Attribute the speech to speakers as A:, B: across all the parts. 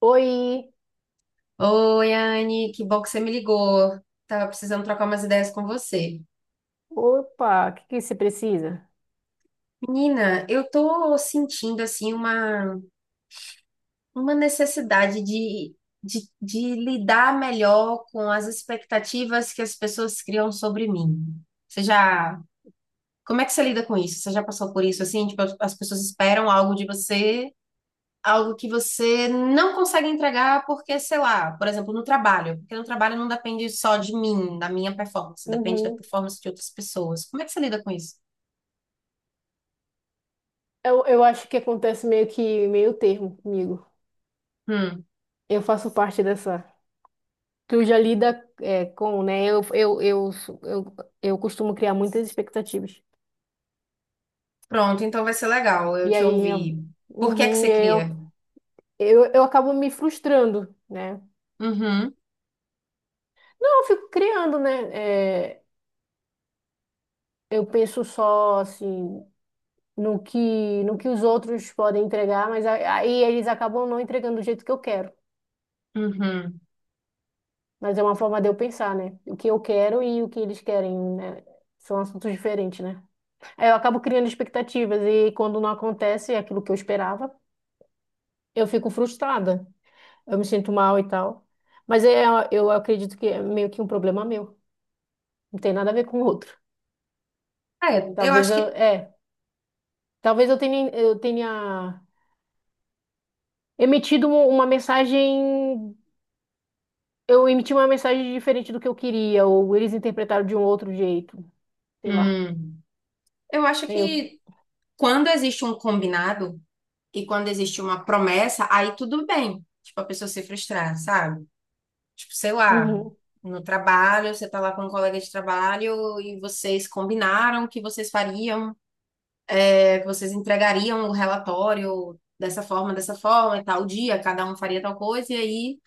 A: Oi,
B: Oi, Anne, que bom que você me ligou. Tava precisando trocar umas ideias com você.
A: opa, o que que você precisa?
B: Menina, eu tô sentindo assim uma necessidade de lidar melhor com as expectativas que as pessoas criam sobre mim. Você já, como é que você lida com isso? Você já passou por isso assim? Tipo, as pessoas esperam algo de você, algo que você não consegue entregar porque, sei lá, por exemplo, no trabalho, porque no trabalho não depende só de mim, da minha performance, depende da
A: Uhum.
B: performance de outras pessoas. Como é que você lida com isso?
A: Eu acho que acontece meio que meio termo comigo.
B: Hum,
A: Eu faço parte dessa. Tu já lida com, né? Eu costumo criar muitas expectativas.
B: Pronto, então vai ser legal eu
A: E
B: te
A: aí,
B: ouvir. Por que é que
A: uhum,
B: você
A: e aí
B: cria?
A: eu acabo me frustrando, né?
B: Uhum,
A: Não, eu fico criando, né? Eu penso só, assim, no que os outros podem entregar, mas aí eles acabam não entregando do jeito que eu quero.
B: uhum.
A: Mas é uma forma de eu pensar, né? O que eu quero e o que eles querem, né? São assuntos diferentes, né? Aí eu acabo criando expectativas e quando não acontece aquilo que eu esperava, eu fico frustrada. Eu me sinto mal e tal. Mas é, eu acredito que é meio que um problema meu. Não tem nada a ver com o outro.
B: É,
A: Talvez eu, é, talvez eu tenha emitido uma mensagem, eu emiti uma mensagem diferente do que eu queria, ou eles interpretaram de um outro jeito, sei lá.
B: hum, eu acho
A: Eu,
B: que quando existe um combinado e quando existe uma promessa, aí tudo bem. Tipo, a pessoa se frustrar, sabe? Tipo, sei lá,
A: uhum,
B: no trabalho, você tá lá com um colega de trabalho e vocês combinaram que vocês fariam, é, que vocês entregariam o relatório dessa forma, e tal dia, cada um faria tal coisa, e aí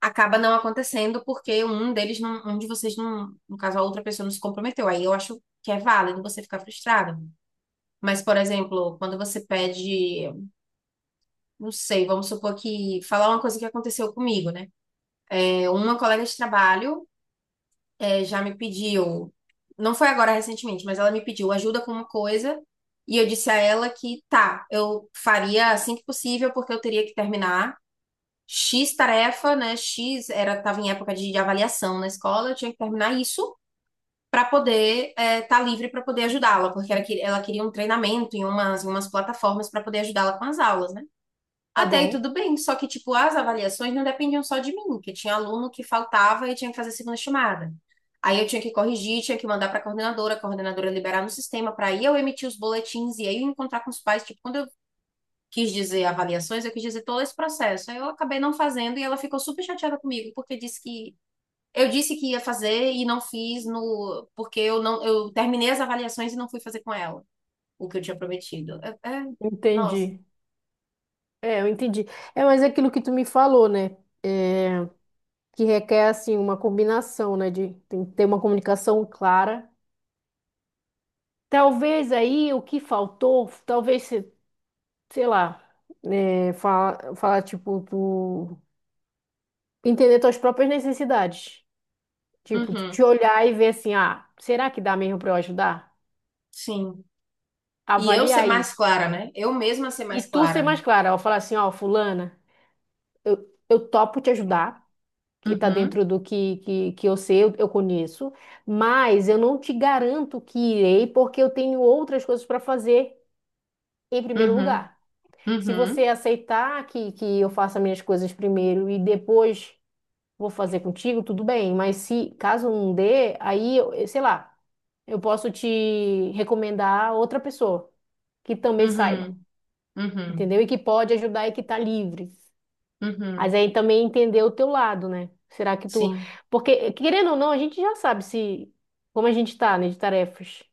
B: acaba não acontecendo porque um deles não, um de vocês não, no caso, a outra pessoa não se comprometeu. Aí eu acho que é válido você ficar frustrado. Mas, por exemplo, quando você pede, não sei, vamos supor que falar uma coisa que aconteceu comigo, né? É, uma colega de trabalho é, já me pediu, não foi agora recentemente, mas ela me pediu ajuda com uma coisa e eu disse a ela que tá, eu faria assim que possível porque eu teria que terminar X tarefa, né? X era tava em época de avaliação na escola, eu tinha que terminar isso para poder estar livre para poder ajudá-la, porque ela, ela queria um treinamento em umas plataformas para poder ajudá-la com as aulas, né?
A: tá
B: Até aí
A: bom.
B: tudo bem, só que, tipo, as avaliações não dependiam só de mim, que tinha aluno que faltava e tinha que fazer segunda chamada. Aí eu tinha que corrigir, tinha que mandar para a coordenadora liberar no sistema para aí eu emitir os boletins e aí eu encontrar com os pais. Tipo, quando eu quis dizer avaliações, eu quis dizer todo esse processo. Aí eu acabei não fazendo e ela ficou super chateada comigo, porque disse que eu disse que ia fazer e não fiz no porque eu não eu terminei as avaliações e não fui fazer com ela o que eu tinha prometido. Nossa.
A: Entendi. É, eu entendi. É, mas é aquilo que tu me falou, né? É, que requer, assim, uma combinação, né? De tem que ter uma comunicação clara. Talvez aí o que faltou, talvez, se- sei lá, falar, tipo, tu entender tuas próprias necessidades. Tipo, tu te
B: Uhum.
A: olhar e ver assim, ah, será que dá mesmo pra eu ajudar?
B: Sim. E eu ser
A: Avaliar
B: mais
A: isso.
B: clara, né? Eu mesma ser
A: E
B: mais
A: tu ser
B: clara.
A: mais clara, ó, falar assim, ó, fulana, eu, eu topo te ajudar, que está
B: Uhum,
A: dentro do que que eu sei, eu conheço, mas eu não te garanto que irei, porque eu tenho outras coisas para fazer em primeiro
B: uhum,
A: lugar. Se você
B: uhum,
A: aceitar que eu faça minhas coisas primeiro e depois vou fazer contigo, tudo bem, mas se caso não dê, eu sei lá, eu posso te recomendar outra pessoa que também saiba,
B: uhum, uhum,
A: entendeu? E que pode ajudar e que está livre. Mas
B: uhum.
A: aí também entender o teu lado, né? Será que tu.
B: Sim.
A: Porque, querendo ou não, a gente já sabe se como a gente tá, né, de tarefas.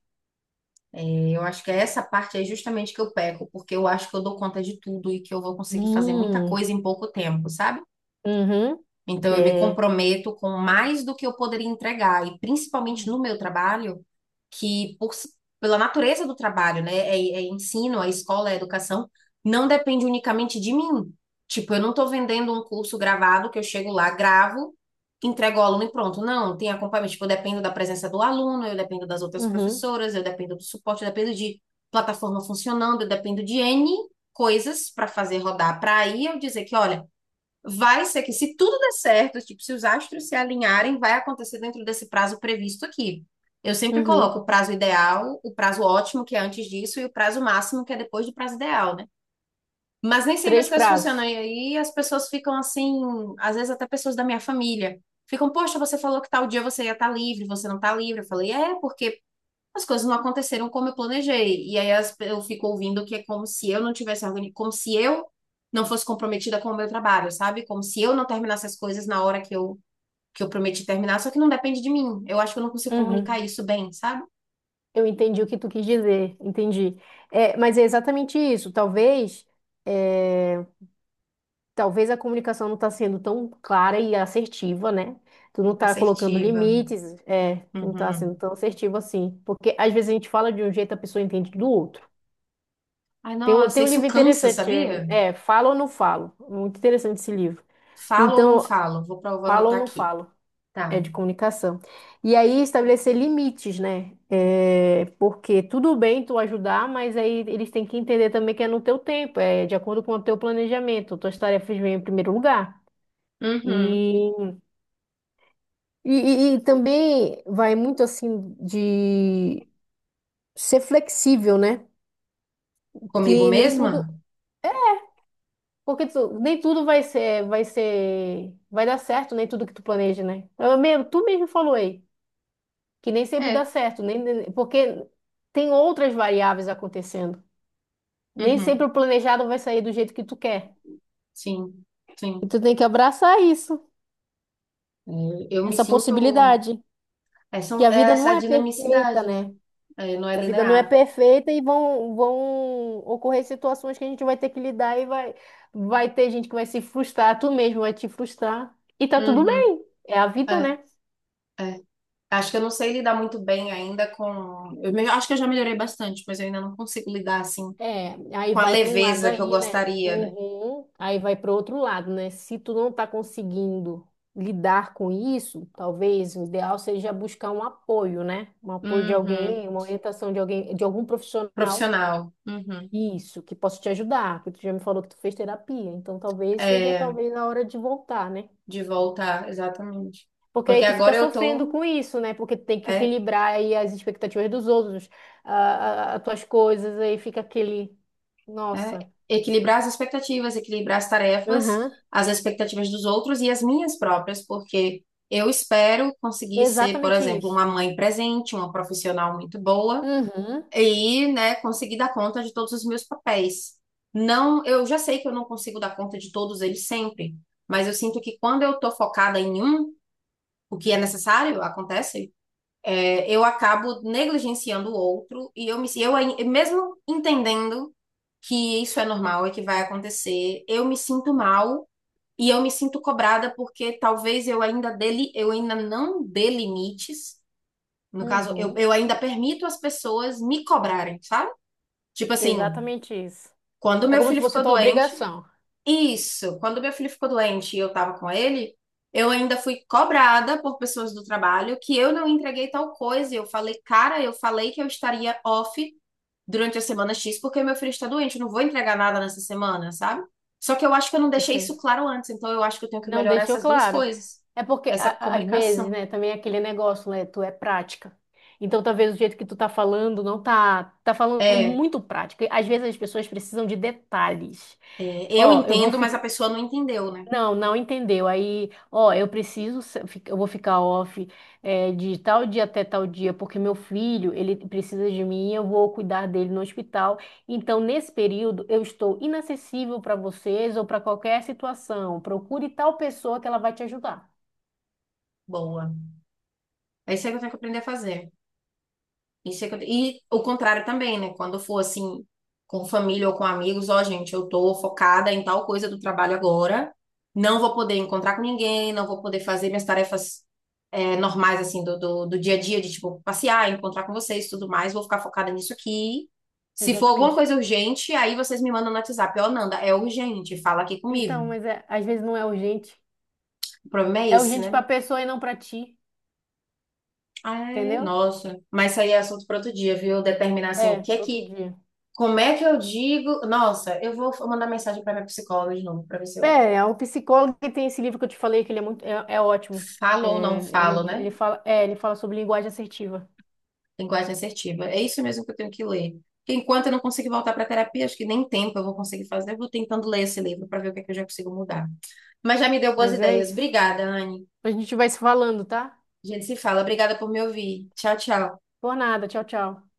B: É, eu acho que é essa parte aí justamente que eu peco, porque eu acho que eu dou conta de tudo e que eu vou conseguir fazer muita
A: Hum,
B: coisa em pouco tempo, sabe?
A: uhum,
B: Então, eu me
A: é,
B: comprometo com mais do que eu poderia entregar, e principalmente no meu trabalho, que pela natureza do trabalho, né, é, é ensino, é escola, é educação, não depende unicamente de mim. Tipo, eu não estou vendendo um curso gravado que eu chego lá, gravo, entrego ao aluno e pronto. Não, tem acompanhamento. Tipo, eu dependo da presença do aluno, eu dependo das outras
A: uhum,
B: professoras, eu dependo do suporte, eu dependo de plataforma funcionando, eu dependo de N coisas para fazer rodar. Para aí eu dizer que, olha, vai ser que, se tudo der certo, tipo, se os astros se alinharem, vai acontecer dentro desse prazo previsto aqui. Eu sempre coloco
A: uhum.
B: o prazo ideal, o prazo ótimo, que é antes disso, e o prazo máximo, que é depois do prazo ideal, né? Mas nem sempre as
A: Três
B: coisas funcionam.
A: prazos.
B: E aí as pessoas ficam assim, às vezes até pessoas da minha família. Ficam, poxa, você falou que tal dia você ia estar livre, você não está livre. Eu falei, é, porque as coisas não aconteceram como eu planejei. E aí eu fico ouvindo que é como se eu não tivesse organizado, como se eu não fosse comprometida com o meu trabalho, sabe? Como se eu não terminasse as coisas na hora que eu prometi terminar, só que não depende de mim. Eu acho que eu não consigo comunicar
A: Uhum.
B: isso bem, sabe?
A: Eu entendi o que tu quis dizer, entendi. É, mas é exatamente isso. É, talvez a comunicação não está sendo tão clara e assertiva, né? Tu não está colocando
B: Assertiva.
A: limites, não está sendo
B: Uhum.
A: tão assertivo assim. Porque às vezes a gente fala de um jeito, a pessoa entende do outro.
B: Ai, nossa,
A: Tem um
B: isso
A: livro
B: cansa,
A: interessante,
B: sabia?
A: é Falo ou Não Falo, muito interessante esse livro.
B: Falo ou não
A: Então,
B: falo? Vou, vou
A: Falo ou
B: anotar
A: Não
B: aqui.
A: Falo,
B: Tá.
A: é de comunicação. E aí estabelecer limites, né? É, porque tudo bem tu ajudar, mas aí eles têm que entender também que é no teu tempo, é de acordo com o teu planejamento, tuas tarefas vêm em primeiro lugar.
B: Uhum.
A: E, e, e também vai muito assim de ser flexível, né?
B: Comigo
A: Que nem tudo.
B: mesma?
A: Porque nem tudo vai ser, vai dar certo, nem tudo que tu planeja, né? Eu mesmo, tu mesmo falou aí, que nem sempre dá
B: É.
A: certo, porque tem outras variáveis acontecendo. Nem sempre
B: Uhum.
A: o planejado vai sair do jeito que tu quer.
B: Sim,
A: E
B: sim.
A: tu tem que abraçar isso,
B: É, eu me
A: essa
B: sinto.
A: possibilidade,
B: É,
A: que
B: são,
A: a
B: é
A: vida não
B: essa
A: é perfeita,
B: dinamicidade,
A: né?
B: né? É, não é
A: Que a vida não é
B: linear.
A: perfeita e vão ocorrer situações que a gente vai ter que lidar e vai ter gente que vai se frustrar, tu mesmo vai te frustrar. E tá tudo
B: Uhum.
A: bem, é a vida,
B: É,
A: né?
B: é. Acho que eu não sei lidar muito bem ainda com. Acho que eu já melhorei bastante, mas eu ainda não consigo lidar assim
A: É, aí
B: com a
A: vai para um lado
B: leveza que eu
A: aí, né?
B: gostaria, né?
A: Uhum. Aí vai para outro lado, né? Se tu não tá conseguindo lidar com isso, talvez o ideal seja buscar um apoio, né? Um apoio de
B: Uhum.
A: alguém, uma orientação de alguém, de algum profissional.
B: Profissional. Uhum.
A: Isso, que possa te ajudar, porque tu já me falou que tu fez terapia, então
B: É,
A: talvez a hora de voltar, né?
B: de voltar, exatamente.
A: Porque aí
B: Porque
A: tu fica
B: agora eu
A: sofrendo
B: tô.
A: com isso, né? Porque tu tem que
B: É,
A: equilibrar aí as expectativas dos outros, as tuas coisas, aí fica aquele,
B: né?
A: nossa.
B: Equilibrar as expectativas, equilibrar as tarefas,
A: Aham.
B: as expectativas dos outros e as minhas próprias, porque eu espero conseguir ser, por
A: Exatamente
B: exemplo,
A: isso.
B: uma mãe presente, uma profissional muito boa
A: Uhum,
B: e, né, conseguir dar conta de todos os meus papéis. Não, eu já sei que eu não consigo dar conta de todos eles sempre, mas eu sinto que quando eu estou focada em um, o que é necessário acontece, eu acabo negligenciando o outro e eu me si, eu ai- mesmo entendendo que isso é normal e que vai acontecer, eu me sinto mal e eu me sinto cobrada porque talvez eu ainda dele eu ainda não dê limites. No caso, eu,
A: uhum,
B: eu ainda permito as pessoas me cobrarem, sabe? Tipo assim,
A: exatamente isso.
B: quando
A: É
B: meu
A: como se
B: filho
A: fosse
B: ficou
A: tua
B: doente,
A: obrigação.
B: isso, quando meu filho ficou doente e eu estava com ele, eu ainda fui cobrada por pessoas do trabalho que eu não entreguei tal coisa. E eu falei, cara, eu falei que eu estaria off durante a semana X porque meu filho está doente, eu não vou entregar nada nessa semana, sabe? Só que eu acho que eu não deixei
A: Assim,
B: isso claro antes, então eu acho que eu tenho que
A: não
B: melhorar
A: deixou
B: essas duas
A: claro.
B: coisas,
A: É porque,
B: essa
A: às vezes,
B: comunicação.
A: né, também é aquele negócio, né, tu é prática. Então, talvez o jeito que tu tá falando não tá, tá falando
B: É, é,
A: muito prático. E, às vezes as pessoas precisam de detalhes.
B: eu
A: Ó, eu vou.
B: entendo, mas a pessoa não entendeu, né?
A: Não, não entendeu. Aí, ó, eu preciso, se- fi- eu vou ficar off, de tal dia até tal dia, porque meu filho, ele precisa de mim, eu vou cuidar dele no hospital. Então, nesse período, eu estou inacessível para vocês ou para qualquer situação. Procure tal pessoa que ela vai te ajudar.
B: Boa. É isso aí que eu tenho que aprender a fazer. E o contrário também, né? Quando for assim, com família ou com amigos, ó, gente, eu tô focada em tal coisa do trabalho agora, não vou poder encontrar com ninguém, não vou poder fazer minhas tarefas é, normais, assim, do dia a dia, de tipo, passear, encontrar com vocês, tudo mais, vou ficar focada nisso aqui. Se for alguma
A: Exatamente.
B: coisa urgente, aí vocês me mandam no WhatsApp, ó, Nanda, é urgente, fala aqui comigo.
A: Então, mas é, às vezes não é urgente.
B: O problema é
A: É
B: esse,
A: urgente
B: né?
A: para a pessoa e não para ti,
B: Ah, é,
A: entendeu?
B: nossa. Mas isso aí é assunto para outro dia, viu? Determinar, assim, o
A: É,
B: que é
A: para outro
B: que.
A: dia.
B: Como é que eu digo? Nossa, eu vou mandar mensagem para minha psicóloga de novo, para ver se eu
A: É é o psicólogo que tem esse livro que eu te falei, que ele é é ótimo.
B: falo
A: É,
B: ou não falo, né?
A: ele fala, ele fala sobre linguagem assertiva.
B: Linguagem assertiva. É isso mesmo que eu tenho que ler. Porque enquanto eu não conseguir voltar para terapia, acho que nem tempo eu vou conseguir fazer. Eu vou tentando ler esse livro para ver o que é que eu já consigo mudar. Mas já me deu boas
A: Mas é
B: ideias.
A: isso.
B: Obrigada, Anne.
A: A gente vai se falando, tá?
B: A gente se fala. Obrigada por me ouvir. Tchau, tchau.
A: Por nada. Tchau, tchau.